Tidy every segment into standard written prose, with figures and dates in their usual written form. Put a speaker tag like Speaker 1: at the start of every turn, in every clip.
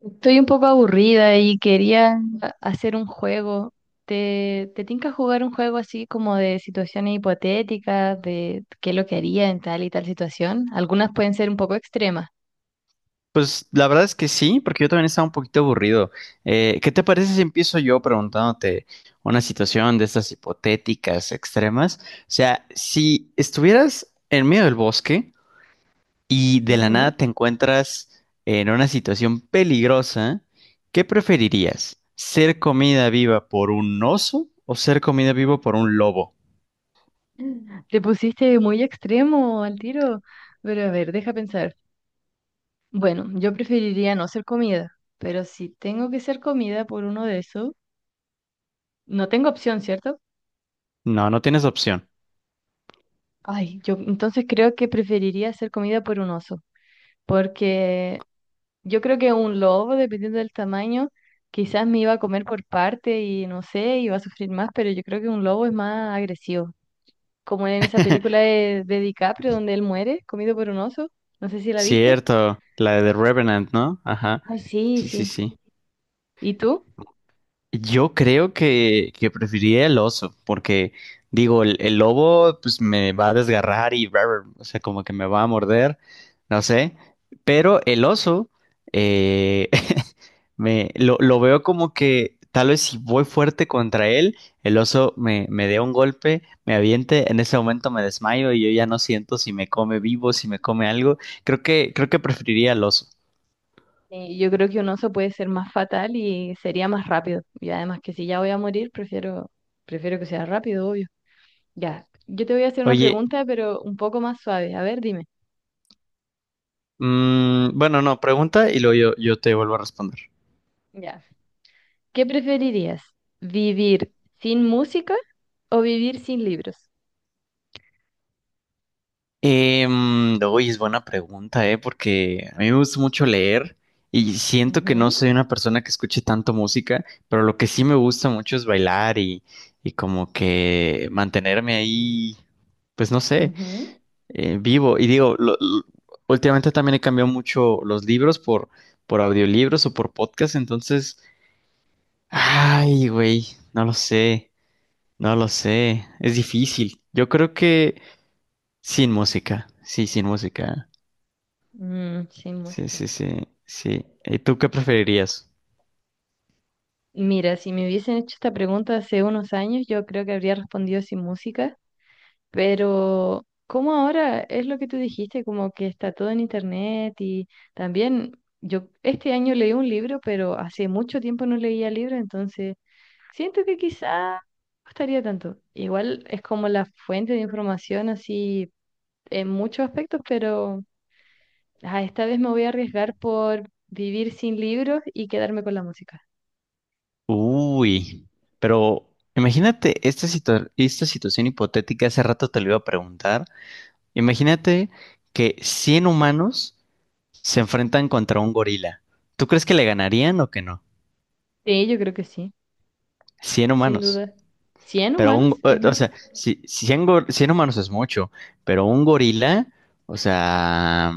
Speaker 1: Estoy un poco aburrida y quería hacer un juego. ¿Te tinca jugar un juego así como de situaciones hipotéticas, de qué es lo que haría en tal y tal situación? Algunas pueden ser un poco extremas.
Speaker 2: Pues la verdad es que sí, porque yo también estaba un poquito aburrido. ¿Qué te parece si empiezo yo preguntándote una situación de estas hipotéticas extremas? O sea, si estuvieras en medio del bosque y de la
Speaker 1: Ujú.
Speaker 2: nada te encuentras en una situación peligrosa, ¿qué preferirías? ¿Ser comida viva por un oso o ser comida viva por un lobo?
Speaker 1: Te pusiste muy extremo al tiro, pero a ver, deja pensar. Bueno, yo preferiría no ser comida, pero si tengo que ser comida por uno de esos, no tengo opción, ¿cierto?
Speaker 2: No, no tienes opción.
Speaker 1: Ay, yo entonces creo que preferiría ser comida por un oso, porque yo creo que un lobo, dependiendo del tamaño, quizás me iba a comer por parte y no sé, iba a sufrir más, pero yo creo que un lobo es más agresivo. Como en esa película de DiCaprio donde él muere comido por un oso. No sé si la viste.
Speaker 2: Cierto, la de The Revenant, ¿no? Ajá.
Speaker 1: Ay, sí,
Speaker 2: Sí, sí,
Speaker 1: sí.
Speaker 2: sí.
Speaker 1: ¿Y tú?
Speaker 2: Yo creo que preferiría el oso, porque digo, el lobo pues me va a desgarrar y rar, o sea, como que me va a morder, no sé, pero el oso eh, me lo veo como que tal vez si voy fuerte contra él, el oso me dé un golpe, me aviente, en ese momento me desmayo y yo ya no siento si me come vivo, si me come algo. Creo que preferiría el oso.
Speaker 1: Yo creo que un oso puede ser más fatal y sería más rápido. Y además que si ya voy a morir, prefiero que sea rápido, obvio. Ya. Yo te voy a hacer una
Speaker 2: Oye,
Speaker 1: pregunta, pero un poco más suave. A ver, dime.
Speaker 2: bueno, no, pregunta y luego yo te vuelvo a responder.
Speaker 1: Ya. ¿Qué preferirías? ¿Vivir sin música o vivir sin libros?
Speaker 2: Uy, es buena pregunta, ¿eh? Porque a mí me gusta mucho leer y siento que no
Speaker 1: Ujú,
Speaker 2: soy una persona que escuche tanto música, pero lo que sí me gusta mucho es bailar y como que mantenerme ahí, pues no sé,
Speaker 1: ujú.
Speaker 2: vivo. Y digo, últimamente también he cambiado mucho los libros por audiolibros o por podcast, entonces, ay, güey, no lo sé, no lo sé, es difícil. Yo creo que sin música, sí, sin música.
Speaker 1: Mm, sin
Speaker 2: Sí,
Speaker 1: música.
Speaker 2: sí, sí, sí. ¿Y tú qué preferirías?
Speaker 1: Mira, si me hubiesen hecho esta pregunta hace unos años, yo creo que habría respondido sin música, pero como ahora es lo que tú dijiste, como que está todo en internet y también yo este año leí un libro, pero hace mucho tiempo no leía libros, entonces siento que quizá no estaría tanto. Igual es como la fuente de información así en muchos aspectos, pero ah, esta vez me voy a arriesgar por vivir sin libros y quedarme con la música.
Speaker 2: Uy, pero imagínate esta esta situación hipotética, hace rato te lo iba a preguntar. Imagínate que 100 humanos se enfrentan contra un gorila. ¿Tú crees que le ganarían o que no?
Speaker 1: Sí, yo creo que sí,
Speaker 2: 100
Speaker 1: sin
Speaker 2: humanos.
Speaker 1: duda. cien
Speaker 2: Pero
Speaker 1: humanos es
Speaker 2: o
Speaker 1: mucho?
Speaker 2: sea, si, 100 humanos es mucho, pero un gorila, o sea,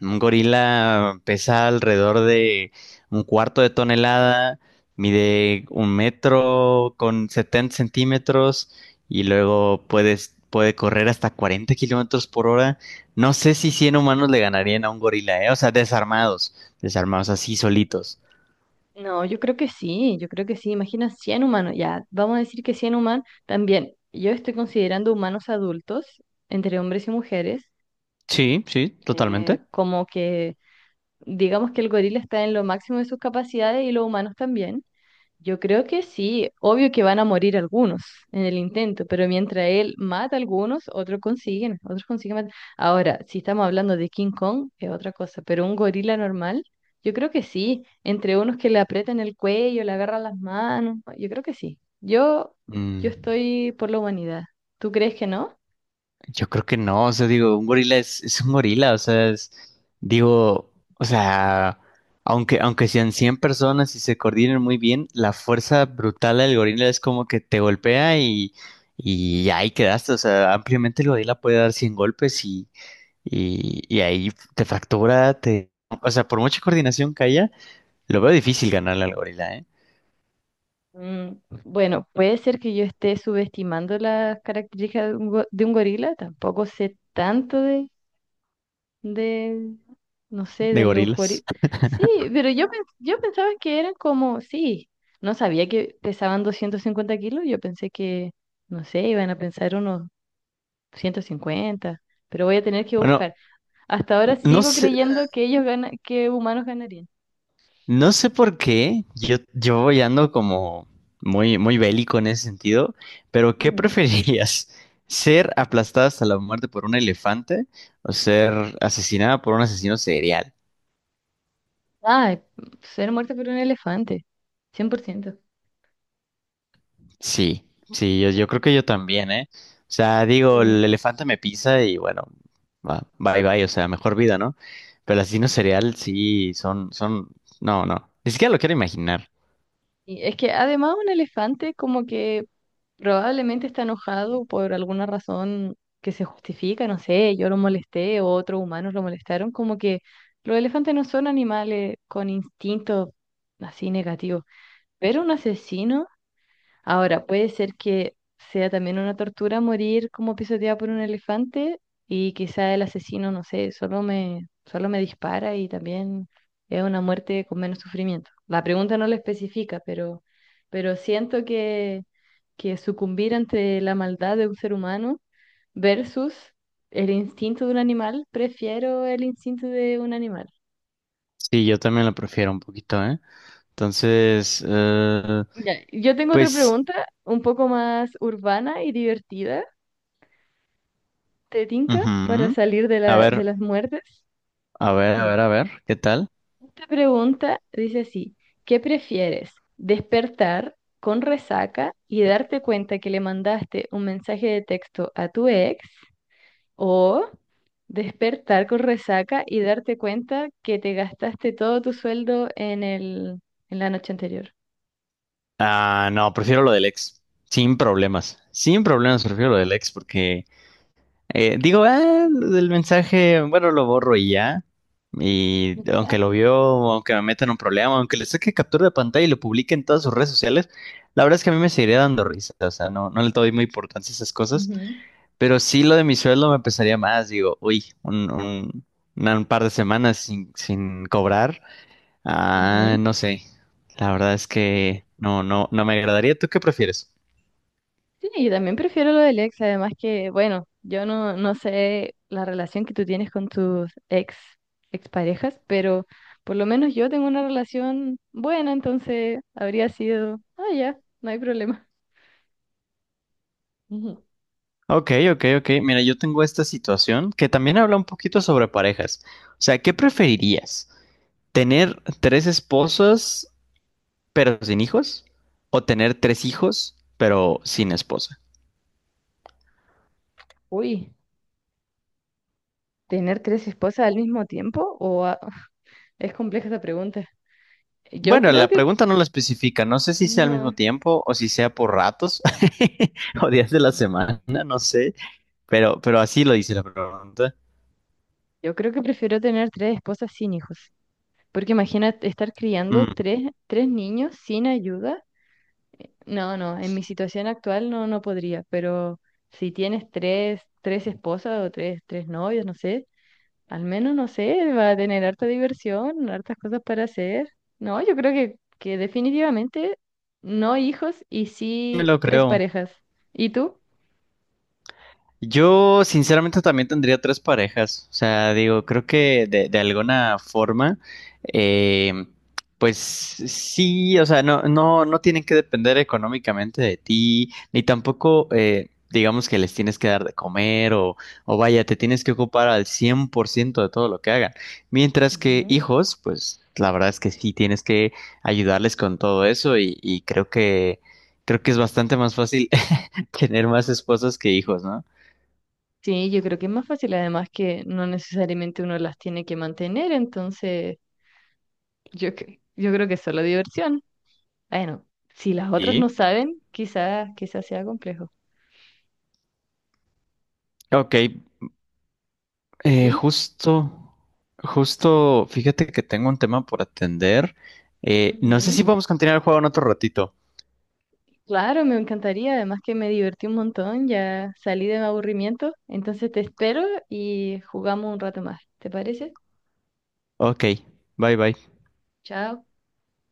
Speaker 2: un gorila pesa alrededor de un cuarto de tonelada, mide un metro con 70 centímetros y luego puede correr hasta 40 kilómetros por hora. No sé si 100 humanos le ganarían a un gorila, ¿eh? O sea, desarmados así solitos.
Speaker 1: No, yo creo que sí, yo creo que sí. Imagina 100 humanos, ya, vamos a decir que 100 humanos también. Yo estoy considerando humanos adultos, entre hombres y mujeres,
Speaker 2: Sí, sí, totalmente.
Speaker 1: como que digamos que el gorila está en lo máximo de sus capacidades y los humanos también. Yo creo que sí, obvio que van a morir algunos en el intento, pero mientras él mata a algunos, otros consiguen matar. Ahora, si estamos hablando de King Kong, es otra cosa, pero un gorila normal, yo creo que sí, entre unos que le aprietan el cuello, le agarran las manos, yo creo que sí. Yo
Speaker 2: Mm.
Speaker 1: estoy por la humanidad. ¿Tú crees que no?
Speaker 2: Yo creo que no, o sea, digo, un gorila es un gorila, o sea, digo, o sea, aunque sean 100 personas y se coordinen muy bien, la fuerza brutal del gorila es como que te golpea y ahí quedaste, o sea, ampliamente el gorila puede dar 100 golpes y ahí te fractura, te... O sea, por mucha coordinación que haya, lo veo difícil ganarle al gorila, ¿eh?
Speaker 1: Mm, bueno, puede ser que yo esté subestimando las características de un gorila, tampoco sé tanto de, no sé,
Speaker 2: De
Speaker 1: de los juegos.
Speaker 2: gorilas.
Speaker 1: Sí, pero yo pensaba que eran como, sí, no sabía que pesaban 250 kilos, yo pensé que, no sé, iban a pensar unos 150, pero voy a tener que
Speaker 2: Bueno,
Speaker 1: buscar. Hasta ahora
Speaker 2: no
Speaker 1: sigo
Speaker 2: sé.
Speaker 1: creyendo que ellos ganan, que humanos ganarían.
Speaker 2: No sé por qué, yo voy ando como muy, muy bélico en ese sentido, pero ¿qué
Speaker 1: Ujú.
Speaker 2: preferirías? ¿Ser aplastada hasta la muerte por un elefante o ser asesinada por un asesino serial?
Speaker 1: Ah, ser muerto por un elefante, 100%.
Speaker 2: Sí, sí, yo creo que yo también, ¿eh? O sea, digo,
Speaker 1: Sí.
Speaker 2: el elefante me pisa y bueno, va, bye bye, o sea, mejor vida, ¿no? Pero el asesino serial sí, son, no, no, ni siquiera lo quiero imaginar.
Speaker 1: Y es que además un elefante como que probablemente está enojado por alguna razón que se justifica, no sé, yo lo molesté o otros humanos lo molestaron, como que los elefantes no son animales con instintos así negativos, pero un asesino... Ahora, puede ser que sea también una tortura morir como pisoteado por un elefante y quizá el asesino, no sé, solo me dispara y también es una muerte con menos sufrimiento. La pregunta no lo especifica, pero siento que sucumbir ante la maldad de un ser humano versus el instinto de un animal, prefiero el instinto de un animal.
Speaker 2: Sí, yo también lo prefiero un poquito, ¿eh? Entonces,
Speaker 1: Ya, yo tengo otra
Speaker 2: pues...
Speaker 1: pregunta, un poco más urbana y divertida. ¿Te tinca para
Speaker 2: Ujú.
Speaker 1: salir de
Speaker 2: A
Speaker 1: la, de
Speaker 2: ver,
Speaker 1: las muertes?
Speaker 2: a ver, a
Speaker 1: Ya.
Speaker 2: ver, a ver, ¿qué tal?
Speaker 1: Esta pregunta dice así, ¿qué prefieres? ¿Despertar con resaca y darte cuenta que le mandaste un mensaje de texto a tu ex? ¿O despertar con resaca y darte cuenta que te gastaste todo tu sueldo en la noche anterior?
Speaker 2: Ah, no, prefiero lo del ex, sin problemas, sin problemas prefiero lo del ex porque digo, ah, lo del mensaje, bueno, lo borro y ya, y aunque lo vio, aunque me metan un problema, aunque le saque captura de pantalla y lo publique en todas sus redes sociales, la verdad es que a mí me seguiría dando risa, o sea, no, no le doy muy importancia a esas cosas,
Speaker 1: Ujú,
Speaker 2: pero sí lo de mi sueldo me pesaría más, digo, uy, un par de semanas sin cobrar. Ah,
Speaker 1: ujú.
Speaker 2: no sé. La verdad es que no, no, no me agradaría. ¿Tú qué prefieres?
Speaker 1: Sí, yo también prefiero lo del ex, además que, bueno, yo no, no sé la relación que tú tienes con tus exparejas, pero por lo menos yo tengo una relación buena, entonces habría sido, ah, ya, no hay problema. Ujú.
Speaker 2: Ok, ok, ok. Mira, yo tengo esta situación que también habla un poquito sobre parejas. O sea, ¿qué preferirías? ¿Tener tres esposas pero sin hijos? ¿O tener tres hijos pero sin esposa?
Speaker 1: Uy, ¿tener tres esposas al mismo tiempo? Es compleja esa pregunta. Yo
Speaker 2: Bueno,
Speaker 1: creo
Speaker 2: la
Speaker 1: que,
Speaker 2: pregunta no la especifica. No sé si sea al mismo
Speaker 1: no,
Speaker 2: tiempo o si sea por ratos o días de la semana, no sé. Pero así lo dice la pregunta.
Speaker 1: yo creo que prefiero tener tres esposas sin hijos, porque imagínate estar criando
Speaker 2: Mm,
Speaker 1: tres niños sin ayuda. No, no, en mi situación actual no, no podría, pero si tienes tres esposas o tres novios, no sé, al menos, no sé, va a tener harta diversión, hartas cosas para hacer. No, yo creo que definitivamente no hijos y
Speaker 2: me
Speaker 1: sí
Speaker 2: lo
Speaker 1: tres
Speaker 2: creo.
Speaker 1: parejas. ¿Y tú?
Speaker 2: Yo sinceramente también tendría tres parejas. O sea, digo, creo que de alguna forma, eh, pues sí, o sea, no tienen que depender económicamente de ti, ni tampoco, digamos que les tienes que dar de comer o vaya, te tienes que ocupar al 100% de todo lo que hagan. Mientras que
Speaker 1: Ujú.
Speaker 2: hijos, pues la verdad es que sí tienes que ayudarles con todo eso y creo que es bastante más fácil tener más esposas que hijos, ¿no?
Speaker 1: Sí, yo creo que es más fácil, además que no necesariamente uno las tiene que mantener, entonces yo creo que es solo diversión. Bueno, si las otras no
Speaker 2: Y,
Speaker 1: saben, quizás quizás sea complejo.
Speaker 2: ok, eh,
Speaker 1: ¿Y?
Speaker 2: justo, justo, fíjate que tengo un tema por atender. No sé si
Speaker 1: Ujú.
Speaker 2: podemos continuar el juego en otro ratito.
Speaker 1: Claro, me encantaría. Además que me divertí un montón, ya salí de mi aburrimiento. Entonces te espero y jugamos un rato más. ¿Te parece?
Speaker 2: Ok, bye bye.
Speaker 1: Chao.